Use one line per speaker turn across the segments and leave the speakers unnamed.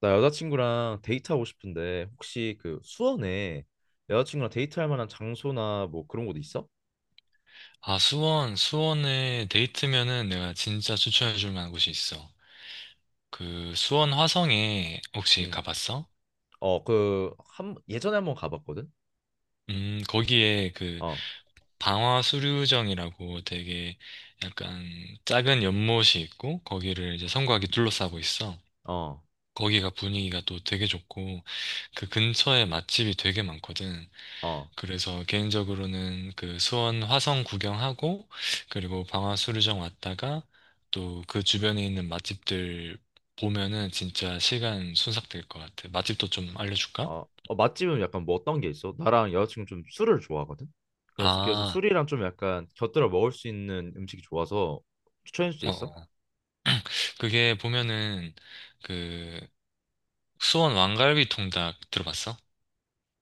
나 여자친구랑 데이트하고 싶은데 혹시 그 수원에 여자친구랑 데이트할 만한 장소나 뭐 그런 곳 있어?
아, 수원, 수원에 데이트면은 내가 진짜 추천해줄 만한 곳이 있어. 그 수원 화성에 혹시
응.
가봤어?
어, 그 한 예전에 한번 가봤거든.
거기에 그
어.
방화수류정이라고 되게 약간 작은 연못이 있고 거기를 이제 성곽이 둘러싸고 있어.
어.
거기가 분위기가 또 되게 좋고 그 근처에 맛집이 되게 많거든.
어.
그래서 개인적으로는 그 수원 화성 구경하고 그리고 방화수류정 왔다가 또 그 주변에 있는 맛집들 보면은 진짜 시간 순삭될 것 같아. 맛집도 좀 알려줄까?
어. 어, 맛집은 약간 뭐 어떤 게 있어? 나랑 여자친구 좀 술을 좋아하거든. 그래서
아,
술이랑 좀 약간 곁들여 먹을 수 있는 음식이 좋아서 추천해 줄 수
어.
있어?
어. 그게 보면은 그 수원 왕갈비 통닭 들어봤어?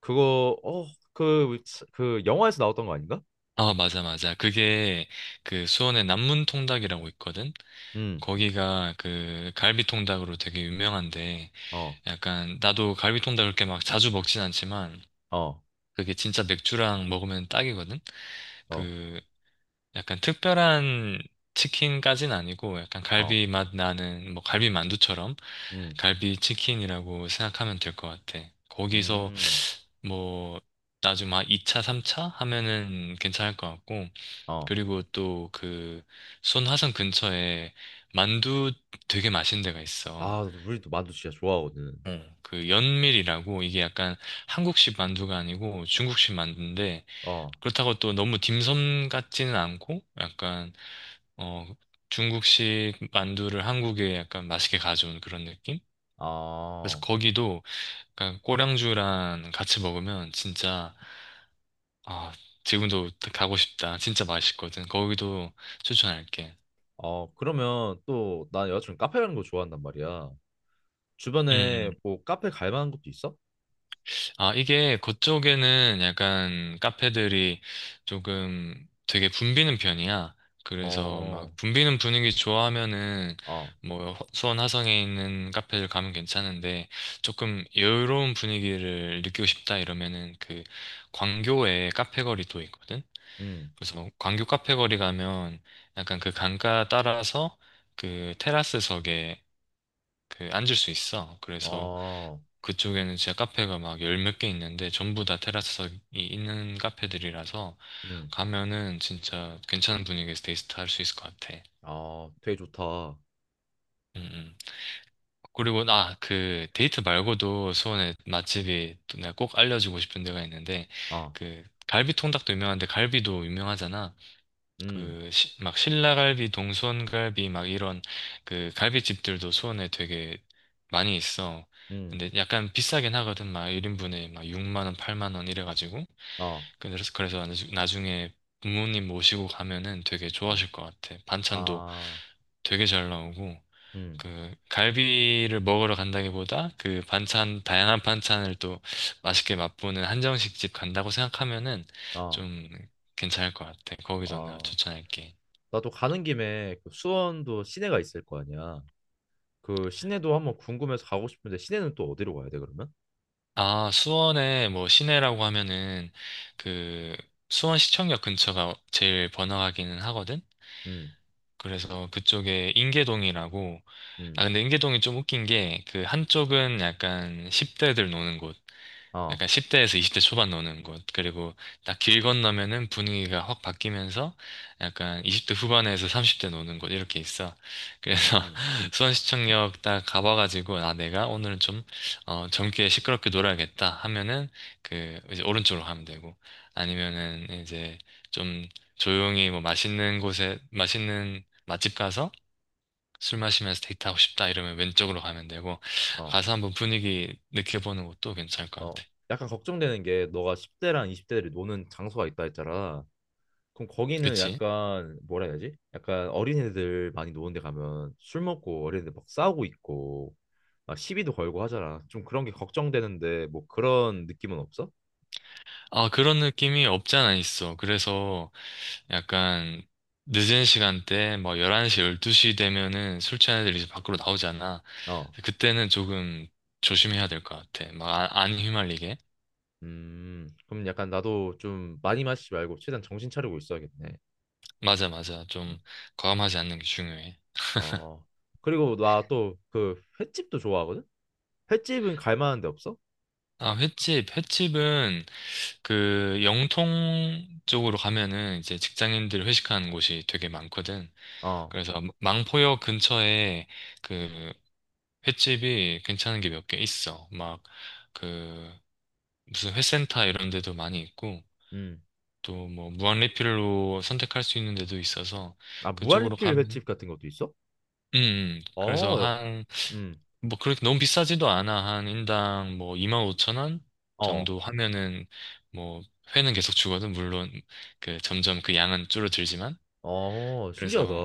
그거 어, 그, 그 영화에서 나왔던 거 아닌가?
아, 맞아, 맞아. 그게 그 수원의 남문 통닭이라고 있거든?
응.
거기가 그 갈비 통닭으로 되게 유명한데
어.
약간 나도 갈비 통닭을 그렇게 막 자주 먹진 않지만
어.
그게 진짜 맥주랑 먹으면 딱이거든?
어.
그 약간 특별한 치킨까진 아니고 약간
어.
갈비 맛 나는 뭐 갈비 만두처럼
음.
갈비 치킨이라고 생각하면 될 것 같아. 거기서
음.
뭐 나중에 막 2차, 3차 하면은 괜찮을 것 같고
어.
그리고 또 그 손화성 근처에 만두 되게 맛있는 데가 있어.
아, 나도 우리도 만두 진짜 좋아하거든.
어, 그 연밀이라고 이게 약간 한국식 만두가 아니고 중국식 만두인데
어.
그렇다고 또 너무 딤섬 같지는 않고 약간 어 중국식 만두를 한국에 약간 맛있게 가져온 그런 느낌? 그래서
아.
거기도 약간 꼬량주랑 같이 먹으면 진짜 아 지금도 가고 싶다. 진짜 맛있거든. 거기도 추천할게.
어, 그러면 또, 난 여자친구 카페 가는 거 좋아한단 말이야.
음,
주변에
음.
뭐 카페 갈 만한 곳도 있어?
아, 이게 그쪽에는 약간 카페들이 조금 되게 붐비는 편이야. 그래서
어.
막 붐비는 분위기 좋아하면은
어.
뭐 수원 화성에 있는 카페를 가면 괜찮은데 조금 여유로운 분위기를 느끼고 싶다 이러면은 그 광교에 카페 거리도 있거든.
음.
그래서 뭐 광교 카페 거리 가면 약간 그 강가 따라서 그 테라스석에 그 앉을 수 있어. 그래서
어.
그쪽에는 진짜 카페가 막 열 몇 개 있는데 전부 다 테라스석이 있는 카페들이라서
음.
가면은 진짜 괜찮은 분위기에서 데이트 할 수 있을 것 같아.
어, 되게 좋다.
음, 음. 그리고 나 그 데이트 말고도 수원에 맛집이 또 내가 꼭 알려주고 싶은 데가 있는데
어.
그 갈비 통닭도 유명한데 갈비도 유명하잖아.
음.
그, 막 신라갈비, 동수원갈비, 막 이런 그 갈비집들도 수원에 되게 많이 있어.
음.
근데 약간 비싸긴 하거든. 막 1인분에 막 6만 원, 8만 원 이래가지고.
어.
그래서 나중에 부모님 모시고 가면은 되게
어.
좋아하실 것 같아. 반찬도
아.
되게 잘 나오고.
음.
그 갈비를 먹으러 간다기보다 그 반찬, 다양한 반찬을 또 맛있게 맛보는 한정식집 간다고 생각하면은
어.
좀 괜찮을 것 같아. 거기서 내가
어.
추천할게.
나도 가는 김에 그 수원도 시내가 있을 거 아니야. 그 시내도 한번 궁금해서 가고 싶은데 시내는 또 어디로 가야 돼, 그러면?
아, 수원에 뭐 시내라고 하면은 그 수원시청역 근처가 제일 번화하기는 하거든?
음.
그래서 그쪽에 인계동이라고. 아,
음.
근데 인계동이 좀 웃긴 게 그 한쪽은 약간 10대들 노는 곳.
어.
약간 10대에서 20대 초반 노는 곳. 그리고 딱 길 건너면은 분위기가 확 바뀌면서 약간 20대 후반에서 30대 노는 곳 이렇게 있어. 그래서
음.
수원시청역 딱 가봐가지고 아 내가 오늘은 좀 어, 젊게 시끄럽게 놀아야겠다 하면은 그 이제 오른쪽으로 가면 되고 아니면은 이제 좀 조용히 뭐 맛있는 곳에 맛있는 맛집 가서 술 마시면서 데이트하고 싶다 이러면 왼쪽으로 가면 되고
어.
가서 한번 분위기 느껴보는 것도 괜찮을 것
어.
같아.
약간 걱정되는 게 너가 10대랑 20대들이 노는 장소가 있다 했잖아. 그럼 거기는
그치?
약간 뭐라 해야 되지? 약간 어린애들 많이 노는 데 가면 술 먹고 어린애들 막 싸우고 있고 막 시비도 걸고 하잖아. 좀 그런 게 걱정되는데 뭐 그런 느낌은 없어?
아, 그런 느낌이 없지 않아 있어. 그래서 약간 늦은 시간대, 뭐 11시, 12시 되면은 술 취한 애들이 이제 밖으로 나오잖아.
어.
그때는 조금 조심해야 될 것 같아. 막 안 휘말리게.
그럼 약간 나도 좀 많이 마시지 말고 최대한 정신 차리고 있어야겠네.
맞아, 맞아.
음.
좀 과감하지 않는 게 중요해.
어. 그리고 나 또 그 횟집도 좋아하거든? 횟집은 갈 만한 데 없어?
아, 횟집. 횟집은 그 영통 쪽으로 가면은 이제 직장인들 회식하는 곳이 되게 많거든.
어.
그래서 망포역 근처에 그 횟집이 괜찮은 게 몇 개 있어. 막, 그, 무슨 회센터 이런 데도 많이 있고,
음.
또 뭐, 무한 리필로 선택할 수 있는 데도 있어서,
아,
그쪽으로
무한리필
가면,
횟집 같은 것도 있어?
그래서
어, 역-
한,
음.
뭐, 그렇게 너무 비싸지도 않아. 한 인당 뭐, 25,000원
어.
정도 하면은, 뭐, 회는 계속 주거든. 물론, 그, 점점 그 양은 줄어들지만.
어, 신기하다.
그래서,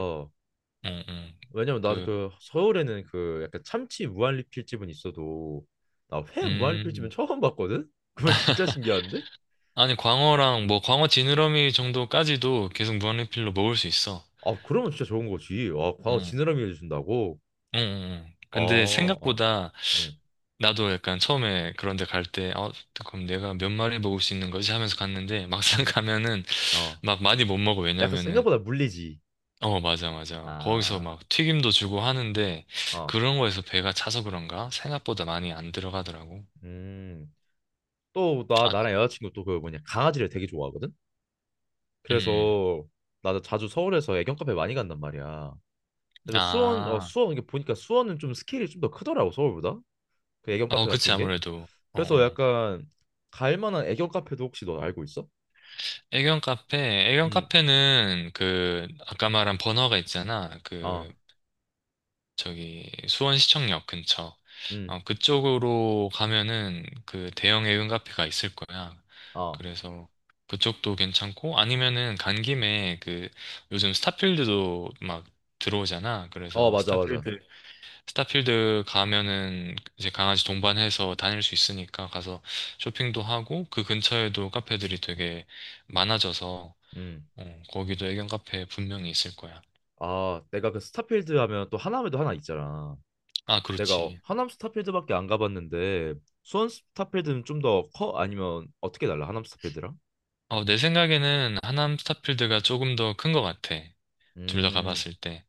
응 응
왜냐면 나는
그,
그 서울에는 그 약간 참치 무한리필집은 있어도 나 회 무한리필집은
음.
처음 봤거든? 그거 진짜 신기한데?
아니, 광어랑 뭐, 광어 지느러미 정도까지도 계속 무한리필로 먹을 수 있어.
아, 그러면 진짜 좋은 거지. 아, 광어
응,
지느러미 해준다고?
응, 응.
아.
근데
어.
생각보다
음.
나도 약간 처음에 그런 데 갈 때, 어, 그럼 내가 몇 마리 먹을 수 있는 거지? 하면서 갔는데 막상
음.
가면은
어.
막 많이 못 먹어.
약간
왜냐면은,
생각보다 물리지.
어, 맞아, 맞아. 거기서
아.
막 튀김도 주고 하는데
어.
그런 거에서 배가 차서 그런가? 생각보다 많이 안 들어가더라고.
음. 또 나
아,
나랑 여자친구 또 그 뭐냐 강아지를 되게 좋아하거든.
음,
그래서 나도 자주 서울에서 애견 카페 많이 간단 말이야. 그래서 수원 어
아,
수원 이게 보니까 수원은 좀 스케일이 좀 더 크더라고 서울보다, 그 애견
어,
카페
그치,
같은 게.
아무래도. 어,
그래서
어.
약간 갈 만한 애견 카페도 혹시 너 알고 있어?
애견 카페, 애견
음.
카페는 그, 아까 말한 버너가 있잖아.
아.
그, 저기 수원시청역 근처
음.
어, 그쪽으로 가면은 그 대형 애견 카페가 있을 거야.
아.
그래서 그쪽도 괜찮고 아니면은 간 김에 그 요즘 스타필드도 막 들어오잖아.
어,
그래서
맞아 맞아.
스타필드 가면은 이제 강아지 동반해서 다닐 수 있으니까 가서 쇼핑도 하고 그 근처에도 카페들이 되게 많아져서
음.
어, 거기도 애견 카페 분명히 있을 거야.
아, 내가 그 스타필드 하면 또 하남에도 하나 있잖아.
아,
내가 어,
그렇지.
하남 스타필드밖에 안 가봤는데 수원 스타필드는 좀 더 커? 아니면 어떻게 달라? 하남 스타필드랑?
어, 내 생각에는 하남 스타필드가 조금 더 큰 것 같아. 둘 다
음.
가봤을 때.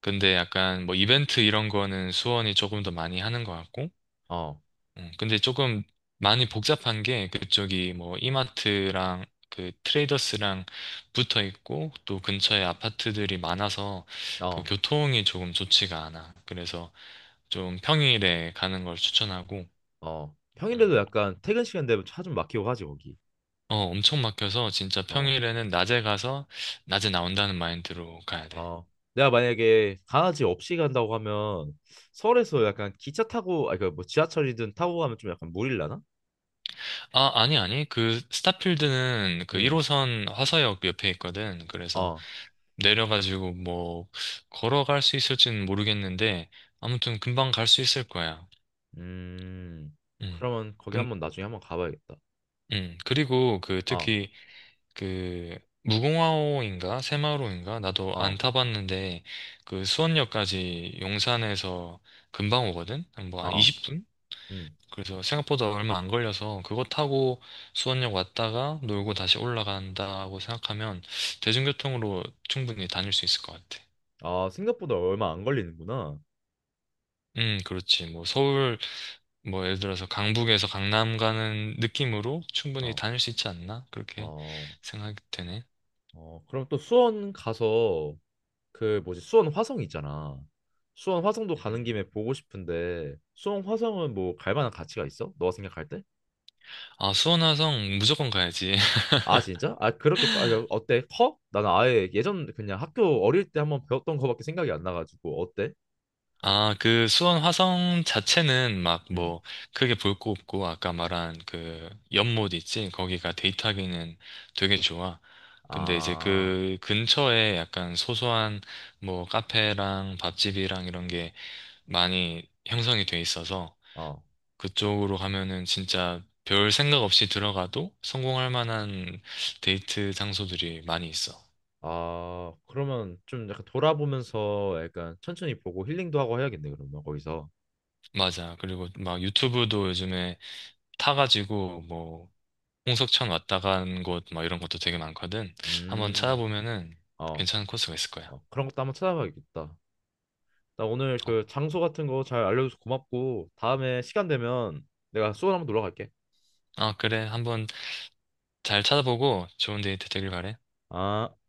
근데 약간 뭐 이벤트 이런 거는 수원이 조금 더 많이 하는 것 같고.
어.
근데 조금 많이 복잡한 게 그쪽이 뭐 이마트랑 그 트레이더스랑 붙어 있고 또 근처에 아파트들이 많아서 그
어.
교통이 조금 좋지가 않아. 그래서 좀 평일에 가는 걸 추천하고.
어,
음.
평일에도 약간 퇴근 시간 되면 차 좀 막히고 하지, 거기.
어, 엄청 막혀서 진짜
어.
평일에는 낮에 가서 낮에 나온다는 마인드로 가야 돼.
어. 내가 만약에 강아지 없이 간다고 하면 서울에서 약간 기차 타고, 아니, 그뭐 지하철이든 타고 가면 좀 약간 무릴라나?
아, 아니, 아니. 그, 스타필드는 그
응.
1호선 화서역 옆에 있거든. 그래서
어.
내려가지고 뭐, 걸어갈 수 있을지는 모르겠는데, 아무튼 금방 갈 수 있을 거야.
음.
음.
그러면 거기
근,
한번 나중에 한번 가봐야겠다.
그리고 그,
어.
특히 그, 무공화호인가? 새마을호인가? 나도 안
어.
타봤는데, 그 수원역까지 용산에서 금방 오거든? 뭐, 한
어.
20분?
음.
그래서 생각보다 얼마 안 걸려서 그거 타고 수원역 왔다가 놀고 다시 올라간다고 생각하면 대중교통으로 충분히 다닐 수 있을 것 같아.
아, 생각보다 얼마 안 걸리는구나.
그렇지. 뭐 서울, 뭐 예를 들어서 강북에서 강남 가는 느낌으로 충분히
어.
다닐 수 있지 않나? 그렇게
어.
생각이 되네.
어. 그럼 또 수원 가서 그 뭐지 수원 화성 있잖아. 수원 화성도 가는
음.
김에 보고 싶은데 수원 화성은 뭐 갈 만한 가치가 있어? 너가 생각할 때?
아, 수원화성 무조건 가야지.
아 진짜? 아 그렇게 커- 아, 어때? 커? 나는 아예 예전 그냥 학교 어릴 때 한번 배웠던 거밖에 생각이 안 나가지고 어때?
아, 그 수원 화성 자체는 막
음.
뭐 크게 볼 거 없고 아까 말한 그 연못 있지? 거기가 데이트하기는 되게 좋아. 근데 이제
아.
그 근처에 약간 소소한 뭐 카페랑 밥집이랑 이런 게 많이 형성이 돼 있어서
어.
그쪽으로 가면은 진짜 별 생각 없이 들어가도 성공할 만한 데이트 장소들이 많이 있어.
아, 그러면 좀 약간 돌아보면서 약간 천천히 보고 힐링도 하고 해야겠네, 그러면 거기서.
맞아. 그리고 막 유튜브도 요즘에 타가지고 뭐 홍석천 왔다 간 곳 막 이런 것도 되게 많거든. 한번
음.
찾아보면은
어.
괜찮은 코스가 있을 거야.
어, 그런 것도 한번 찾아봐야겠다. 나 오늘
어,
그 장소 같은 거 잘 알려줘서 고맙고 다음에 시간 되면 내가 수원 한번 놀러 갈게.
아, 그래. 한번 잘 찾아보고 좋은 데이트 되길 바래.
아.